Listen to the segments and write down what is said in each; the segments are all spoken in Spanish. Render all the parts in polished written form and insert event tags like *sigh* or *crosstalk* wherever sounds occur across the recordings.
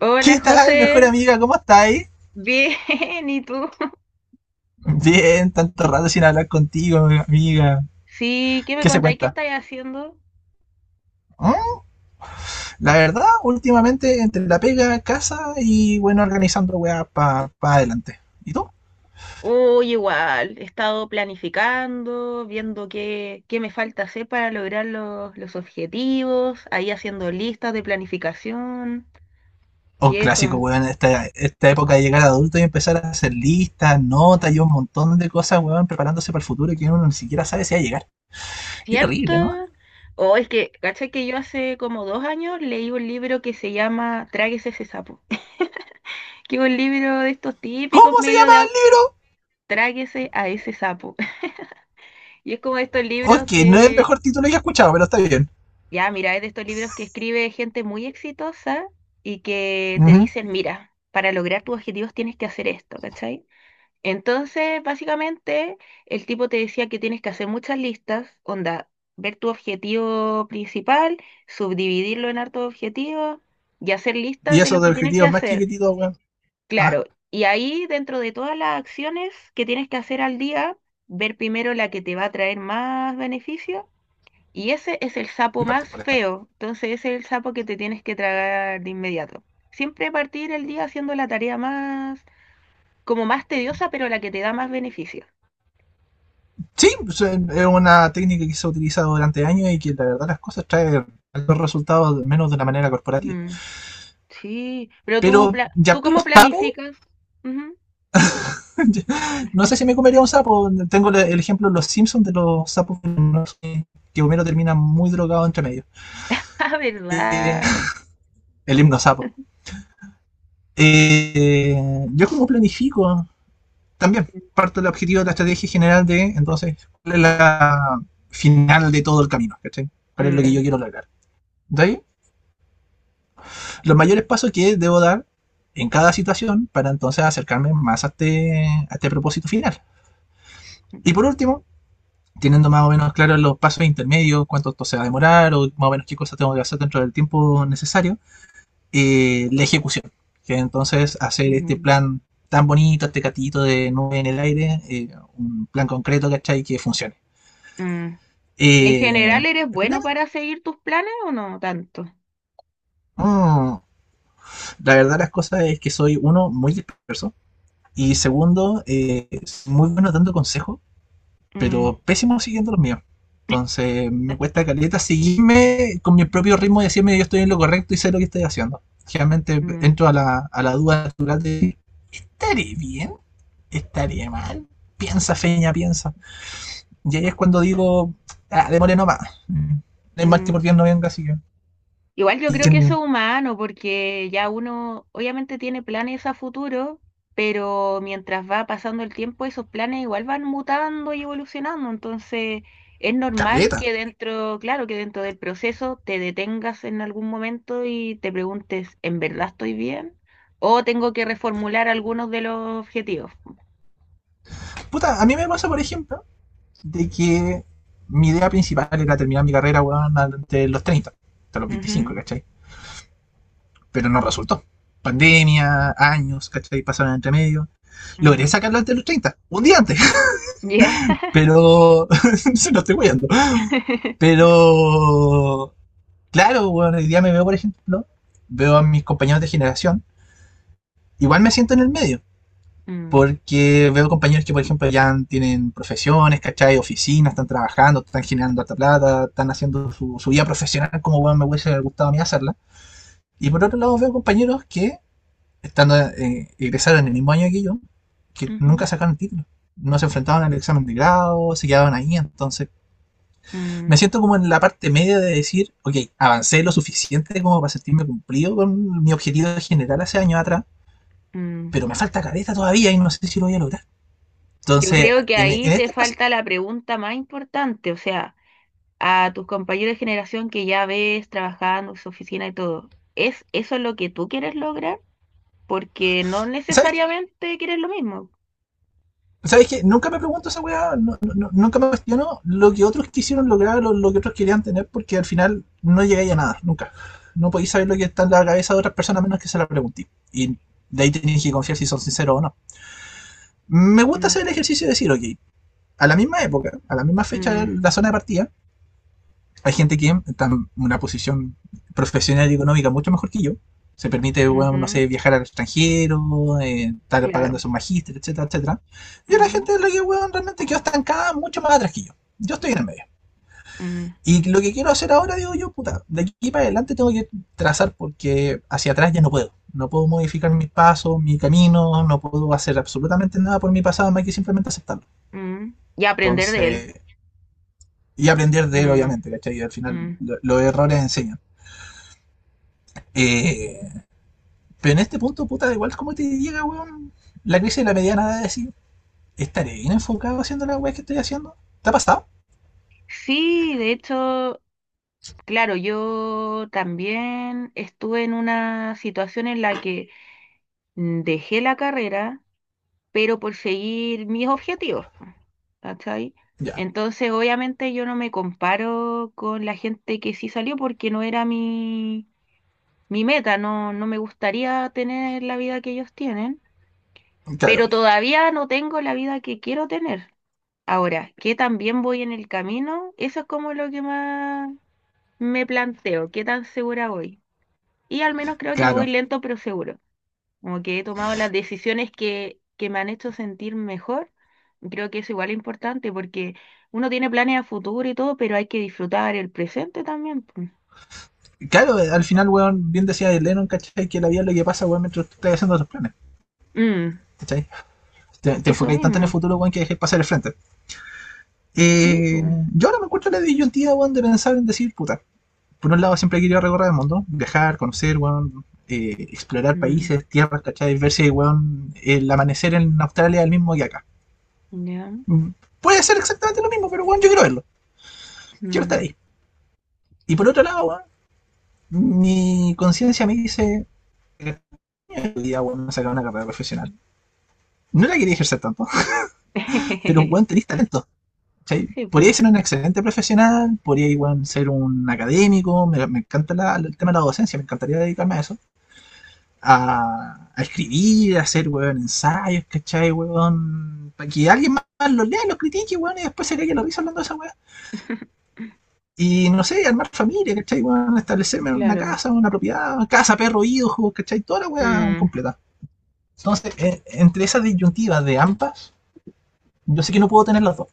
Hola ¿Qué tal, mejor José, amiga? ¿Cómo estáis? bien, *laughs* ¿y tú? Bien, tanto rato sin hablar contigo, amiga. Sí, ¿qué me ¿Qué se contáis? ¿Qué cuenta? estáis haciendo? ¿Mm? La verdad, últimamente entre la pega, casa y bueno, organizando weá para pa adelante. ¿Y tú? Oh, igual, he estado planificando, viendo qué me falta hacer para lograr los objetivos, ahí haciendo listas de planificación Un y eso, clásico, weón, esta época de llegar adulto y empezar a hacer listas, notas y un montón de cosas, weón, preparándose para el futuro que uno ni siquiera sabe si va a llegar. Qué ¿cierto? terrible, ¿no? ¿Cachai que yo hace como dos años leí un libro que se llama Tráguese ese sapo? *laughs* Que es un libro de estos típicos ¿Cómo se medios llama de el libro? Tráguese a ese sapo. *laughs* Y es como estos libros. Ok, no es el mejor título que he escuchado, pero está bien. Ya, mira, es de estos libros que escribe gente muy exitosa y que te Ujú. dicen, mira, para lograr tus objetivos tienes que hacer esto, ¿cachai? Entonces, básicamente, el tipo te decía que tienes que hacer muchas listas, onda, ver tu objetivo principal, subdividirlo en hartos objetivos y hacer Y listas de eso lo de que tienes que objetivos más hacer. chiquititos, weón. Ah, Claro, y ahí dentro de todas las acciones que tienes que hacer al día, ver primero la que te va a traer más beneficios, y ese es el sapo mi parte, más por eso. feo, entonces ese es el sapo que te tienes que tragar de inmediato. Siempre partir el día haciendo la tarea más, como más tediosa, pero la que te da más beneficio. Sí, pues, es una técnica que se ha utilizado durante años y que la verdad las cosas trae los resultados menos de una manera corporativa. Mm, sí, pero tú, Pero ya ¿tú cómo los sapos, planificas? Ujú. *laughs* *laughs* no sé si me comería un sapo. Tengo el ejemplo de los Simpsons de los sapos que Homero termina muy drogado entre medio. Ah, Eh, ¿verdad? *laughs* el himno sapo. Eh, yo como planifico también parte del objetivo de la estrategia general de entonces cuál es la final de todo el camino, ¿cachai? ¿Cuál es lo que yo Mm, quiero lograr? De ahí los mayores pasos que debo dar en cada situación para entonces acercarme más a este propósito final. Y por último, teniendo más o menos claros los pasos intermedios, cuánto esto se va a demorar o más o menos qué cosas tengo que hacer dentro del tiempo necesario, la ejecución. Que entonces hacer este mm, plan tan bonito, este catito de nube en el aire, un plan concreto, ¿cachai? Que funcione. mm. ¿Y en general Eh, eres ¿El bueno problema? para seguir tus planes o no tanto? Mm, la verdad las cosas es que soy uno muy disperso. Y segundo, es muy bueno dando consejos, Mm, pero pésimo siguiendo los míos. Entonces me cuesta caleta seguirme con mi propio ritmo y decirme yo estoy en lo correcto y sé lo que estoy haciendo. Generalmente mm, entro a la duda natural de ¿estaré bien? ¿Estaré mal? Piensa, feña, piensa. Y ahí es cuando digo, ah, démosle nomás. No hay mal que mm. por bien no venga, así que... Igual yo Y creo que que eso es humano, porque ya uno obviamente tiene planes a futuro, pero mientras va pasando el tiempo, esos planes igual van mutando y evolucionando. Entonces, es normal caleta. que dentro, claro, que dentro del proceso te detengas en algún momento y te preguntes, ¿en verdad estoy bien? ¿O tengo que reformular algunos de los objetivos? Puta, a mí me pasa, por ejemplo, de que mi idea principal era terminar mi carrera, weón, de los 30, hasta los 25, Ujú. ¿cachai? Pero no resultó. Pandemia, años, ¿cachai? Pasaron entre medio. Logré Mm. sacarlo antes de los 30, un día antes, Ya. pero *laughs* se lo estoy guiando. *laughs* Pero, claro, weón, hoy día me veo, por ejemplo, veo a mis compañeros de generación, igual me siento en el medio. Mm. Porque veo compañeros que, por ejemplo, ya tienen profesiones, ¿cachai? Oficinas, están trabajando, están generando harta plata, están haciendo su vida profesional como bueno, me hubiese gustado a mí hacerla. Y por otro lado veo compañeros que, estando egresaron en el mismo año que yo, que nunca Ujú. sacaron el título. No se enfrentaban al examen de grado, se quedaban ahí. Entonces, Mm. me siento como en la parte media de decir, ok, avancé lo suficiente como para sentirme cumplido con mi objetivo general hace años atrás, Mm. pero me falta careta todavía y no sé si lo voy a lograr. Yo Entonces, creo que en ahí te este proceso, falta la pregunta más importante, o sea, a tus compañeros de generación que ya ves trabajando en su oficina y todo, ¿es eso lo que tú quieres lograr? Porque no ¿sabes qué? necesariamente quieres lo mismo. ¿Sabes qué? Nunca me pregunto esa weá, no, no, no, nunca me cuestiono lo que otros quisieron lograr, lo que otros querían tener, porque al final no llegáis a nada, nunca. No podéis saber lo que está en la cabeza de otras personas menos que se la preguntéis. Y de ahí tenéis que confiar si son sinceros o no. Me gusta Mm, hacer el ejercicio de decir, ok, a la misma época, a la misma fecha, mm, la zona de partida, hay gente que está en una posición profesional y económica mucho mejor que yo. Se permite, bueno, no ujú, sé, viajar al extranjero, estar pagando a claro. sus magíster, etcétera, etcétera. Y la Ujú, gente de la que, bueno, realmente quedó estancada mucho más atrás que yo. Yo estoy en el medio. mm, Y lo que quiero hacer ahora, digo yo, puta, de aquí para adelante tengo que trazar porque hacia atrás ya no puedo. No puedo modificar mis pasos, mi camino, no puedo hacer absolutamente nada por mi pasado, más que simplemente aceptarlo. mm. Y aprender de él. Entonces, y aprender de él, Mm, obviamente, ¿cachai? Y al final, mm. Los errores enseñan. Eh, pero en este punto, puta, igual como te llega, weón, la crisis de la mediana edad de decir, ¿estaré bien enfocado haciendo la weá que estoy haciendo? ¿Te ha pasado? Sí, de hecho, claro, yo también estuve en una situación en la que dejé la carrera pero por seguir mis objetivos, po, ¿cachai? Ya, Entonces, obviamente yo no me comparo con la gente que sí salió porque no era mi meta, no me gustaría tener la vida que ellos tienen, pero claro, todavía no tengo la vida que quiero tener. Ahora, que también voy en el camino, eso es como lo que más me planteo, qué tan segura voy. Y al menos creo que voy claro. lento pero seguro. Como que he tomado las decisiones que me han hecho sentir mejor. Creo que es igual importante porque uno tiene planes a futuro y todo, pero hay que disfrutar el presente también, pues. Claro, al final, weón, bien decía Lennon, ¿cachai? Que la vida es lo que pasa, weón, mientras tú estás haciendo tus planes. Mm, ¿Cachai? Te eso enfocáis tanto en el mismo. futuro, weón, que dejéis pasar el frente. Sí, Eh, pues. yo ahora me encuentro la disyuntiva, weón, de pensar en decir, puta, por un lado siempre he querido recorrer el mundo, viajar, conocer, weón, explorar Mm, países, tierras, ¿cachai? Ver si, weón, el amanecer en Australia es el mismo que acá. ya. Puede ser exactamente lo mismo, pero bueno, yo quiero verlo. Quiero Mm. estar ahí. Y por otro lado, weón, mi conciencia me dice. Ya, weón, sacar una carrera profesional. No la quería ejercer tanto, *laughs* pero weón, *laughs* tenés talento. ¿Sí? Sí, Podría pues. ser un excelente profesional, podría igual ser un académico. Me encanta la- el tema de la docencia, me encantaría dedicarme a eso. A escribir, a hacer weón, ensayos, ¿cachai? Weón, para que alguien más los lea, los critique, weón, y después se le que lo hizo hablando de esa weón. *laughs* Y no sé, armar familia, ¿cachai? Bueno, establecerme en una Claro. casa, una propiedad, casa, perro, hijos, ¿cachai? Toda la weá Mm, completa. Entonces, entre esas disyuntivas de ambas, yo sé que no puedo tener las dos.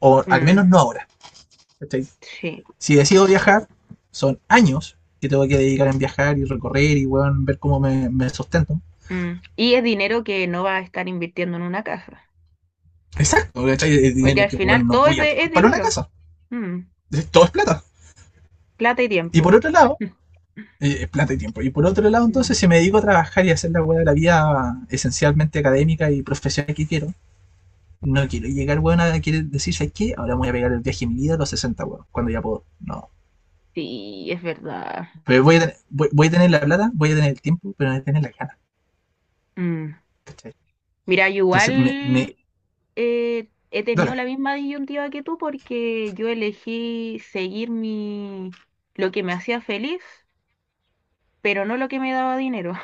O al mm, menos no ahora. ¿Cachai? sí. Si decido viajar, son años que tengo que dedicar en viajar y recorrer y bueno, ver cómo me sustento. Mm. Y es dinero que no va a estar invirtiendo en una casa. Exacto, ¿cachai? El Porque dinero al que bueno, final no todo voy a tener es para una dinero. casa. Mm, Todo es plata. plata y Y tiempo. por otro lado, *laughs* plata y tiempo. Y por otro lado, entonces, si me dedico a trabajar y a hacer la weá de la vida esencialmente académica y profesional que quiero, no quiero llegar, weón, a querer decir, ¿sabes qué? Ahora me voy a pegar el viaje de mi vida a los 60 weón, cuando ya puedo. No. Sí, es verdad. Pero voy a, tener, voy a tener la plata, voy a tener el tiempo, pero no voy a tener la gana. Mm. ¿Cachai? Mira, yo Entonces, me igual he tenido dale, la misma disyuntiva que tú porque yo elegí seguir mi lo que me hacía feliz, pero no lo que me daba dinero.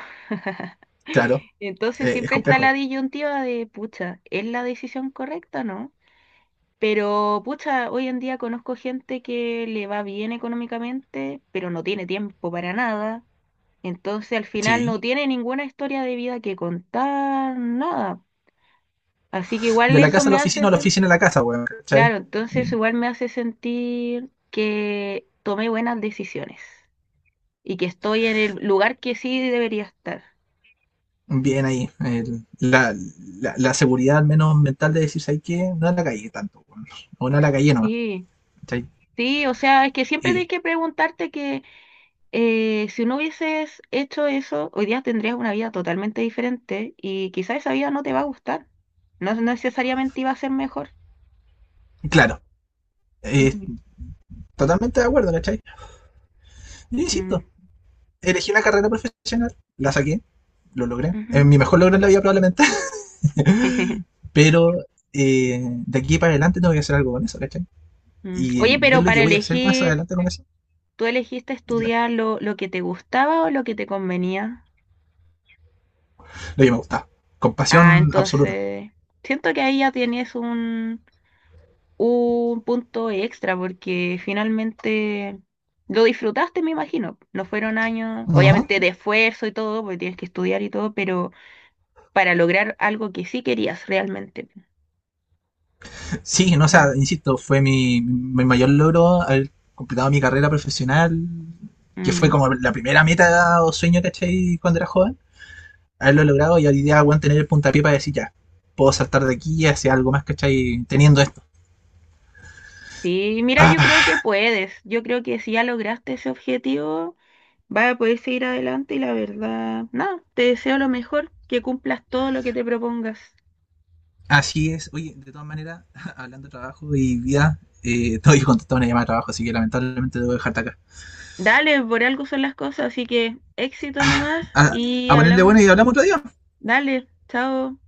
claro, *laughs* Entonces es siempre está complejo. la disyuntiva de, pucha, ¿es la decisión correcta o no? Pero, pucha, hoy en día conozco gente que le va bien económicamente, pero no tiene tiempo para nada. Entonces al final Sí. no tiene ninguna historia de vida que contar, nada. Así que igual De la eso casa a me la hace oficina o la oficina a la casa, weón, ¿cachai? claro, entonces Eh, igual me hace sentir que tomé buenas decisiones y que estoy en el lugar que sí debería estar. bien ahí. La seguridad, al menos mental, de decir, ¿sabes qué? No a la calle tanto, weón. O no a la calle no Sí, ¿cachai? sí, o sea, es que siempre tienes Y, que preguntarte que si no hubieses hecho eso, hoy día tendrías una vida totalmente diferente y quizás esa vida no te va a gustar. No necesariamente iba a ser mejor. claro, eh, Mm, totalmente de acuerdo, ¿cachai? Yo insisto, mm, elegí la carrera profesional, la saqué, lo logré. Es ujú. mi mejor logro en la vida probablemente. *laughs* *laughs* Pero eh, de aquí para adelante tengo que hacer algo con eso, ¿cachai? Mm. Y Oye, ver pero lo que para voy a hacer más elegir, adelante con eso, ¿tú elegiste dime, estudiar lo que te gustaba o lo que te convenía? lo que me gusta. Con Ah, pasión absoluta. entonces, siento que ahí ya tienes un punto extra porque finalmente lo disfrutaste, me imagino. No fueron años, Ajá. obviamente de esfuerzo y todo, porque tienes que estudiar y todo, pero para lograr algo que sí querías realmente. Sí, no, o Mm. sea, insisto, fue mi mayor logro haber completado mi carrera profesional, que fue Mm. como la primera meta o sueño, ¿cachai? Cuando era joven. Haberlo logrado y hoy día, weón, tener el puntapié para decir ya, puedo saltar de aquí y hacer algo más, ¿cachai? Teniendo esto. Sí, mira, yo creo que Ah, puedes. Yo creo que si ya lograste ese objetivo vas a poder seguir adelante y la verdad, nada, te deseo lo mejor, que cumplas todo lo que te propongas. así es. Oye, de todas maneras, *laughs* hablando de trabajo y vida, *laughs* todavía contestado una llamada de trabajo, así que lamentablemente debo dejarte acá. Dale, por algo son las cosas, así que éxito nomás A, y a ponerle hablamos. bueno y hablamos otro día. Chao. Dale, chao.